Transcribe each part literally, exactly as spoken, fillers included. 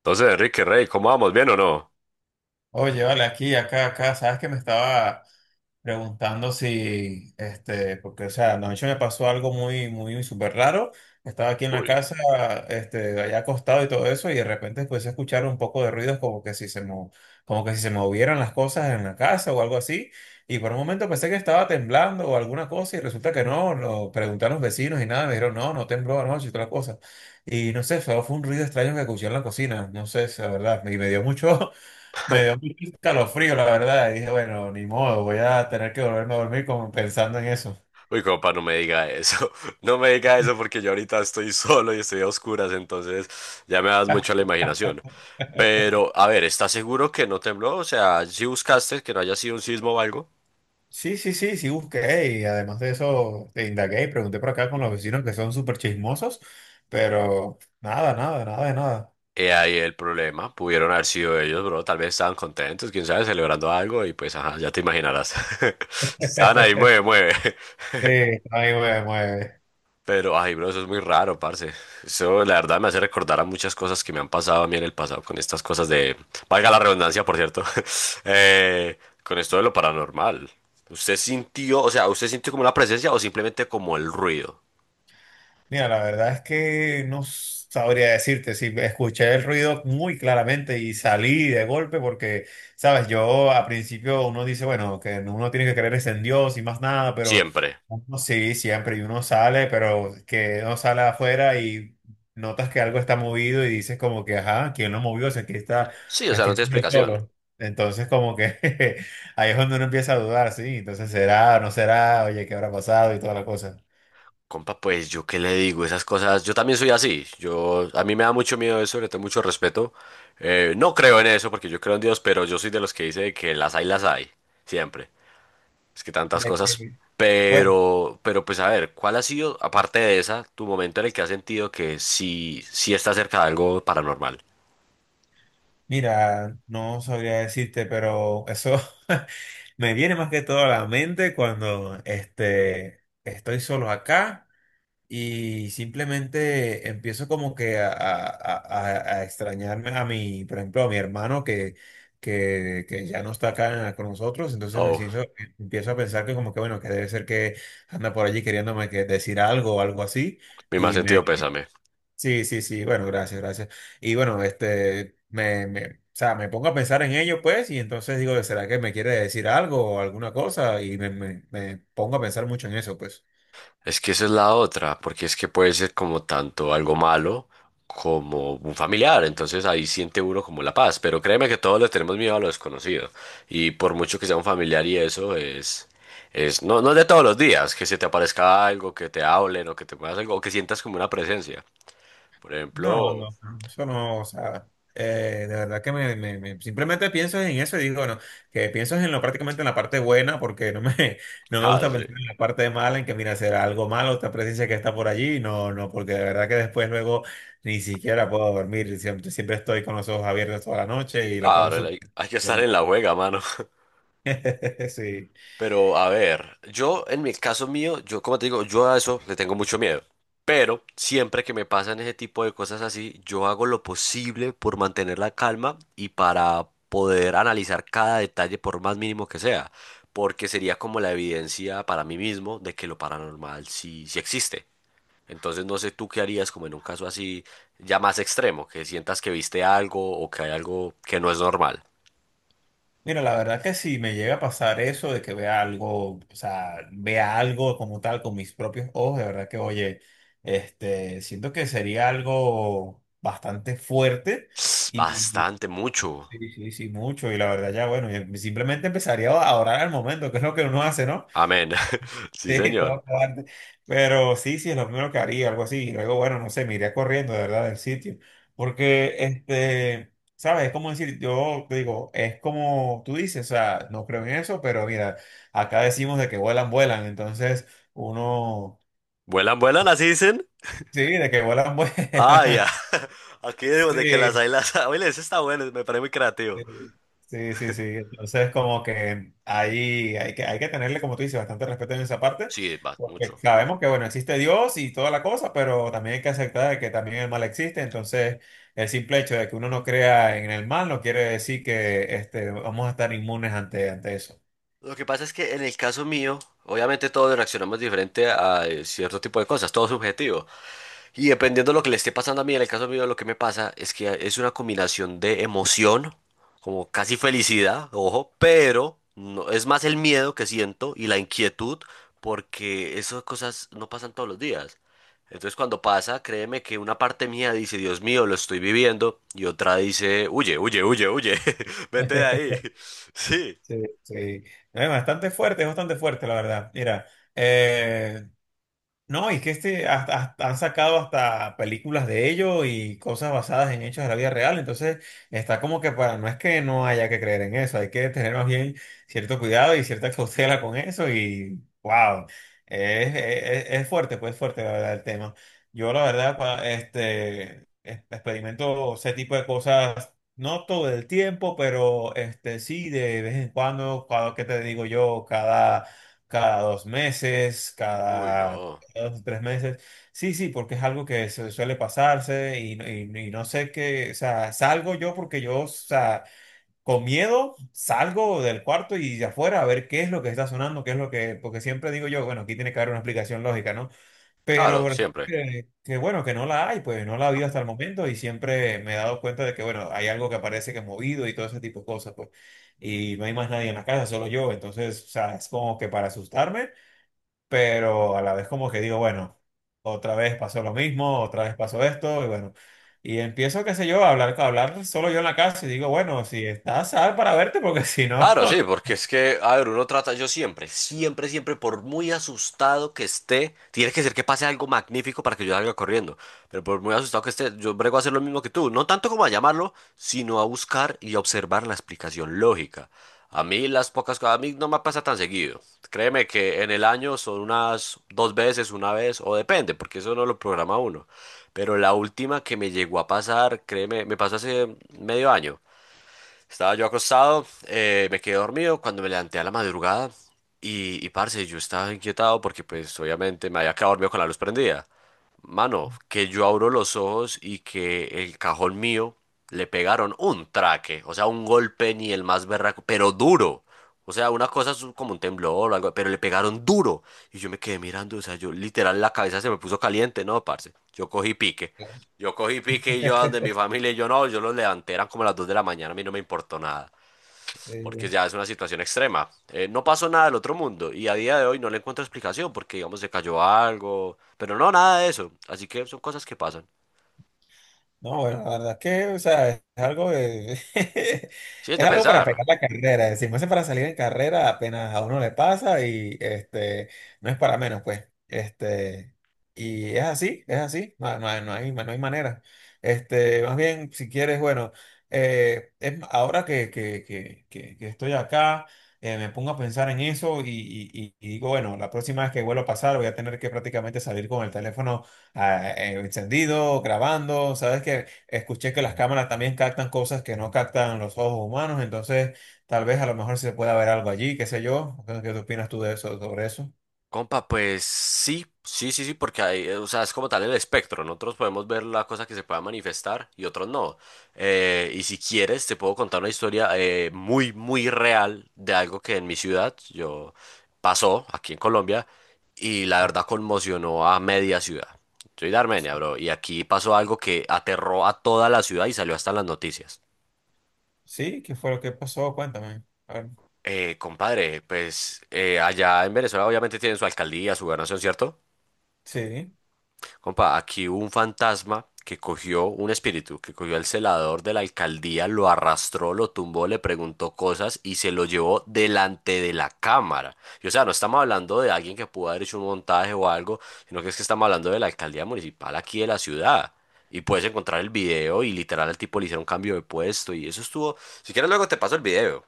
Entonces, Enrique Rey, ¿cómo vamos? ¿Bien o no? Oye, vale, aquí, acá, acá, sabes que me estaba preguntando si, este, porque, o sea, anoche me pasó algo muy, muy, súper raro. Estaba aquí en la Uy, casa, este, allá acostado y todo eso, y de repente empecé a escuchar un poco de ruidos como que si se mo- como que si se movieran las cosas en la casa o algo así. Y por un momento pensé que estaba temblando o alguna cosa, y resulta que no, lo pregunté a los vecinos y nada, me dijeron, no, no tembló anoche y toda la cosa. Y no sé, solo fue un ruido extraño que escuché en la cocina, no sé, la verdad, y me dio mucho. Me dio mucho escalofrío, la verdad. Y dije, bueno, ni modo, voy a tener que volverme a dormir como pensando en eso. Uy, compa, no me diga eso. No me diga eso porque yo ahorita estoy solo y estoy a oscuras, entonces ya me das mucho a la imaginación. Pero, a ver, ¿estás seguro que no tembló? O sea, si buscaste que no haya sido un sismo o algo. Sí, sí, sí, sí busqué y además de eso te indagué y pregunté por acá con los vecinos que son súper chismosos, pero nada, nada, nada de nada. He ahí el problema. Pudieron haber sido ellos, bro. Tal vez estaban contentos, quién sabe, celebrando algo y pues, ajá, ya te imaginarás. Estaban ahí, mueve, mueve. Sí, ahí me mueve. Pero, ay, bro, eso es muy raro, parce. Eso, la verdad, me hace recordar a muchas cosas que me han pasado a mí en el pasado con estas cosas de... Valga la redundancia, por cierto. eh, con esto de lo paranormal. ¿Usted sintió, o sea, usted sintió como una presencia o simplemente como el ruido? Mira, la verdad es que no sabría decirte si escuché el ruido muy claramente y salí de golpe porque, sabes, yo a principio uno dice, bueno, que uno tiene que creer es en Dios y más nada, pero Siempre. uno sí, siempre, y uno sale, pero que uno sale afuera y notas que algo está movido y dices como que, ajá, ¿quién lo movió? O sea, aquí está, Sí, o sea, aquí no tiene estoy yo explicación. solo. Entonces como que ahí es donde uno empieza a dudar, sí, entonces será, no será, oye, ¿qué habrá pasado y toda la cosa? Compa, pues, ¿yo qué le digo? Esas cosas... Yo también soy así. Yo... A mí me da mucho miedo eso, le tengo mucho respeto. Eh, no creo en eso porque yo creo en Dios, pero yo soy de los que dice que las hay, las hay. Siempre. Es que tantas De cosas, que- Bueno, pero, pero pues a ver, ¿cuál ha sido, aparte de esa, tu momento en el que has sentido que sí, sí está cerca de algo paranormal? mira, no sabría decirte, pero eso me viene más que todo a la mente cuando este, estoy solo acá y simplemente empiezo como que a, a- a- a- a extrañarme a mi, por ejemplo, a mi hermano que, que, que ya no está acá con nosotros, entonces me siento, Oh, empiezo a pensar que como que bueno, que debe ser que anda por allí queriéndome que decir algo o algo así. mi más sentido pésame. Sí, sí, sí, bueno, gracias, gracias. Y bueno, este, me, me, o sea, me pongo a pensar en ello, pues, y entonces digo, ¿será que me quiere decir algo o alguna cosa? Y me, me, me pongo a pensar mucho en eso, pues. Es que esa es la otra, porque es que puede ser como tanto algo malo como un familiar, entonces ahí siente uno como la paz, pero créeme que todos le tenemos miedo a lo desconocido, y por mucho que sea un familiar y eso es... Es, no, no es de todos los días, que se te aparezca algo, que te hablen o que te muevas algo, o que sientas como una presencia. Por No, ejemplo, no, no, eso no, o sea, eh, de verdad que me, me- me- simplemente pienso en eso y digo, bueno, que pienso en lo prácticamente en la parte buena, porque no me, no me Ah, gusta sí. pensar en la parte mala, en que mira, será algo malo, esta presencia que está por allí, no, no, porque de verdad que después luego ni siquiera puedo dormir, siempre, siempre estoy con los ojos abiertos toda la noche y la paso Ahora hay, súper hay que estar dormida. en la juega, mano. Sí. Pero a ver, yo en mi caso mío, yo como te digo, yo a eso le tengo mucho miedo. Pero siempre que me pasan ese tipo de cosas así, yo hago lo posible por mantener la calma y para poder analizar cada detalle por más mínimo que sea, porque sería como la evidencia para mí mismo de que lo paranormal sí, sí existe. Entonces no sé tú qué harías como en un caso así ya más extremo, que sientas que viste algo o que hay algo que no es normal. Mira, la verdad que si me llega a pasar eso de que vea algo, o sea, vea algo como tal con mis propios ojos, de verdad que, oye, este, siento que sería algo bastante fuerte y y- Bastante, mucho. sí, sí, sí, mucho. Y la verdad ya, bueno, yo simplemente empezaría a orar al momento, que es lo que uno hace, ¿no? Amén. Sí, Sí, señor. todo cobarde. Pero sí, sí, es lo primero que haría, algo así. Y luego, bueno, no sé, me iría corriendo, de verdad, del sitio. Porque, este, ¿sabes? Es como decir, yo te digo, es como tú dices, o sea, no creo en eso, pero mira, acá decimos de que vuelan, vuelan. Entonces, uno, ¿Vuelan, vuelan? ¿Así dicen? sí, de que vuelan, Ah, vuelan. ya. Aquí decimos de que las Sí, hay, las hay. Oye, ese está bueno, me parece muy creativo. sí, sí, sí. Sí. Entonces, como que ahí hay que, hay que tenerle, como tú dices, bastante respeto en esa parte, Sí, va, porque mucho. sabemos que, bueno, existe Dios y toda la cosa, pero también hay que aceptar que también el mal existe. Entonces, el simple hecho de que uno no crea en el mal no quiere decir que este, vamos a estar inmunes ante, ante eso. Lo que pasa es que en el caso mío, obviamente todos reaccionamos diferente a eh, cierto tipo de cosas, todo es subjetivo. Y dependiendo de lo que le esté pasando a mí, en el caso mío, lo que me pasa es que es una combinación de emoción, como casi felicidad, ojo, pero no, es más el miedo que siento y la inquietud, porque esas cosas no pasan todos los días. Entonces, cuando pasa, créeme que una parte mía dice, Dios mío, lo estoy viviendo, y otra dice, huye, huye, huye, huye, vete de ahí. Sí. Sí, sí. Es bastante fuerte, es bastante fuerte, la verdad. Mira, eh, no, y que este hasta- hasta- han sacado hasta películas de ello y cosas basadas en hechos de la vida real. Entonces, está como que para, no es que no haya que creer en eso, hay que tener más bien cierto cuidado y cierta cautela con eso. Y wow, es, es, es fuerte, pues fuerte la verdad el tema. Yo la verdad, pa- este, es- experimento ese tipo de cosas, no todo el tiempo, pero este sí, de vez en cuando, cada, ¿qué te digo yo? Cada cada dos meses, Uy, cada no. dos, tres meses. Sí, sí, porque es algo que su- suele pasarse y, no- y, y no sé qué, o sea, salgo yo porque yo, o sea, con miedo salgo del cuarto y de afuera a ver qué es lo que está sonando, qué es lo que, porque siempre digo yo, bueno, aquí tiene que haber una explicación lógica, ¿no? Claro, Pero siempre. eh, que, bueno, que no la hay, pues no la ha habido hasta el momento y siempre me he dado cuenta de que, bueno, hay algo que aparece que es movido y todo ese tipo de cosas, pues, y no hay más nadie en la casa, solo yo, entonces, o sea, es como que para asustarme pero a la vez como que digo, bueno, otra vez pasó lo mismo, otra vez pasó esto, y bueno, y empiezo, qué sé yo, a hablar, a hablar solo yo en la casa y digo, bueno, si estás, sal para verte, porque si no... Claro, sí, porque es que, a ver, uno trata, yo siempre, siempre, siempre, por muy asustado que esté, tiene que ser que pase algo magnífico para que yo salga corriendo, pero por muy asustado que esté, yo brego a hacer lo mismo que tú, no tanto como a llamarlo, sino a buscar y a observar la explicación lógica. A mí las pocas cosas, a mí no me pasa tan seguido. Créeme que en el año son unas dos veces, una vez, o depende, porque eso no lo programa uno. Pero la última que me llegó a pasar, créeme, me pasó hace medio año. Estaba yo acostado, eh, me quedé dormido cuando me levanté a la madrugada y, y parce, yo estaba inquietado porque pues obviamente me había quedado dormido con la luz prendida. Mano, que yo abro los ojos y que el cajón mío le pegaron un traque, o sea, un golpe ni el más berraco, pero duro. O sea, una cosa es como un temblor o algo, pero le pegaron duro. Y yo me quedé mirando, o sea, yo literal la cabeza se me puso caliente, ¿no, parce? Yo cogí pique. Yo cogí pique y yo a donde mi familia y yo no, yo los levanté, eran como las dos de la mañana, a mí no me importó nada porque Sí. ya es una situación extrema. Eh, no pasó nada del otro mundo y a día de hoy no le encuentro explicación porque, digamos, se cayó algo, pero no, nada de eso. Así que son cosas que pasan. No, bueno, la verdad es que, o sea, es algo de- Sí, es de es algo para pensar. pegar la carrera, decimos, es para salir en carrera apenas a uno le pasa y este, no es para menos, pues, este, y es así, es así, no, no hay, no hay- no hay manera, este, más bien, si quieres, bueno, eh, es m- ahora que, que- que- que- que estoy acá, eh, me pongo a pensar en eso y, y- y- y digo, bueno, la próxima vez que vuelva a pasar voy a tener que prácticamente salir con el teléfono ah, eh, encendido, grabando, sabes que escuché que las cámaras también captan cosas que no captan los ojos humanos, entonces tal vez a lo mejor se pueda ver algo allí, qué sé yo. Entonces, ¿qué opinas tú de eso, sobre eso? Compa, pues sí, sí, sí, sí, porque hay, eh, o sea, es como tal el espectro. Nosotros podemos ver la cosa que se pueda manifestar y otros no. Eh, y si quieres, te puedo contar una historia eh, muy, muy real de algo que en mi ciudad yo pasó aquí en Colombia y la No. verdad conmocionó a media ciudad. Soy de Armenia, bro, y aquí pasó algo que aterró a toda la ciudad y salió hasta en las noticias. Sí, ¿qué fue lo que pasó? Cuéntame. A ver. Eh, compadre, pues eh, allá en Venezuela obviamente tienen su alcaldía, su gobernación, ¿cierto? Sí. Compa, aquí hubo un fantasma que cogió un espíritu, que cogió al celador de la alcaldía, lo arrastró, lo tumbó, le preguntó cosas y se lo llevó delante de la cámara. Y o sea, no estamos hablando de alguien que pudo haber hecho un montaje o algo, sino que es que estamos hablando de la alcaldía municipal aquí de la ciudad. Y puedes encontrar el video y literal al tipo le hicieron cambio de puesto y eso estuvo. Si quieres luego te paso el video.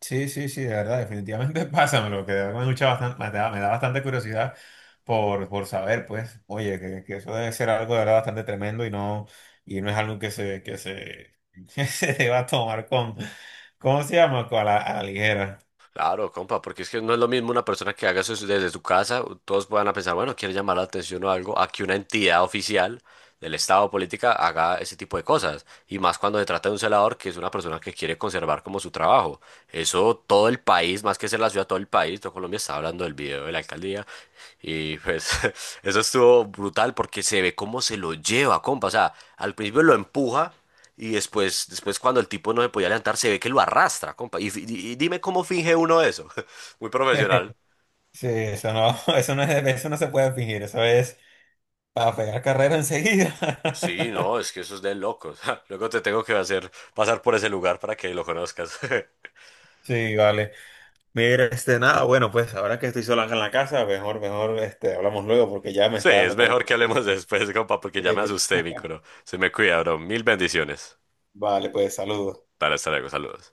Sí, sí, sí, de verdad, definitivamente pásamelo, que de verdad me gusta bastante, me da, me da bastante curiosidad por, por saber, pues, oye, que, que eso debe ser algo de verdad bastante tremendo y no, y no es algo que se, que se, que se deba tomar con, ¿cómo se llama? Con la, a la ligera. Claro, compa, porque es que no es lo mismo una persona que haga eso desde su casa, todos van a pensar, bueno, quiere llamar la atención o algo, a que una entidad oficial del Estado o política haga ese tipo de cosas. Y más cuando se trata de un celador que es una persona que quiere conservar como su trabajo. Eso todo el país, más que ser la ciudad, todo el país, todo Colombia está hablando del video de la alcaldía. Y pues eso estuvo brutal porque se ve cómo se lo lleva, compa. O sea, al principio lo empuja y después, después cuando el tipo no se podía levantar, se ve que lo arrastra, compa. Y, fi- y- y dime cómo finge uno eso. Muy profesional. Sí, eso no, eso no es, eso no se puede fingir, eso es para pegar carrera enseguida. Sí, no, es que eso es de locos. Luego te tengo que hacer pasar por ese lugar para que lo conozcas. Sí, vale. Mira, este, nada, bueno, pues ahora que estoy sola acá en la casa, mejor, mejor, este, hablamos luego porque ya me Sí, está es dando como... mejor que hablemos después, compa, porque ya me Eh, asusté, mi culo. Se me cuida, bro. Mil bendiciones. vale, pues saludos. Dale, hasta luego, saludos.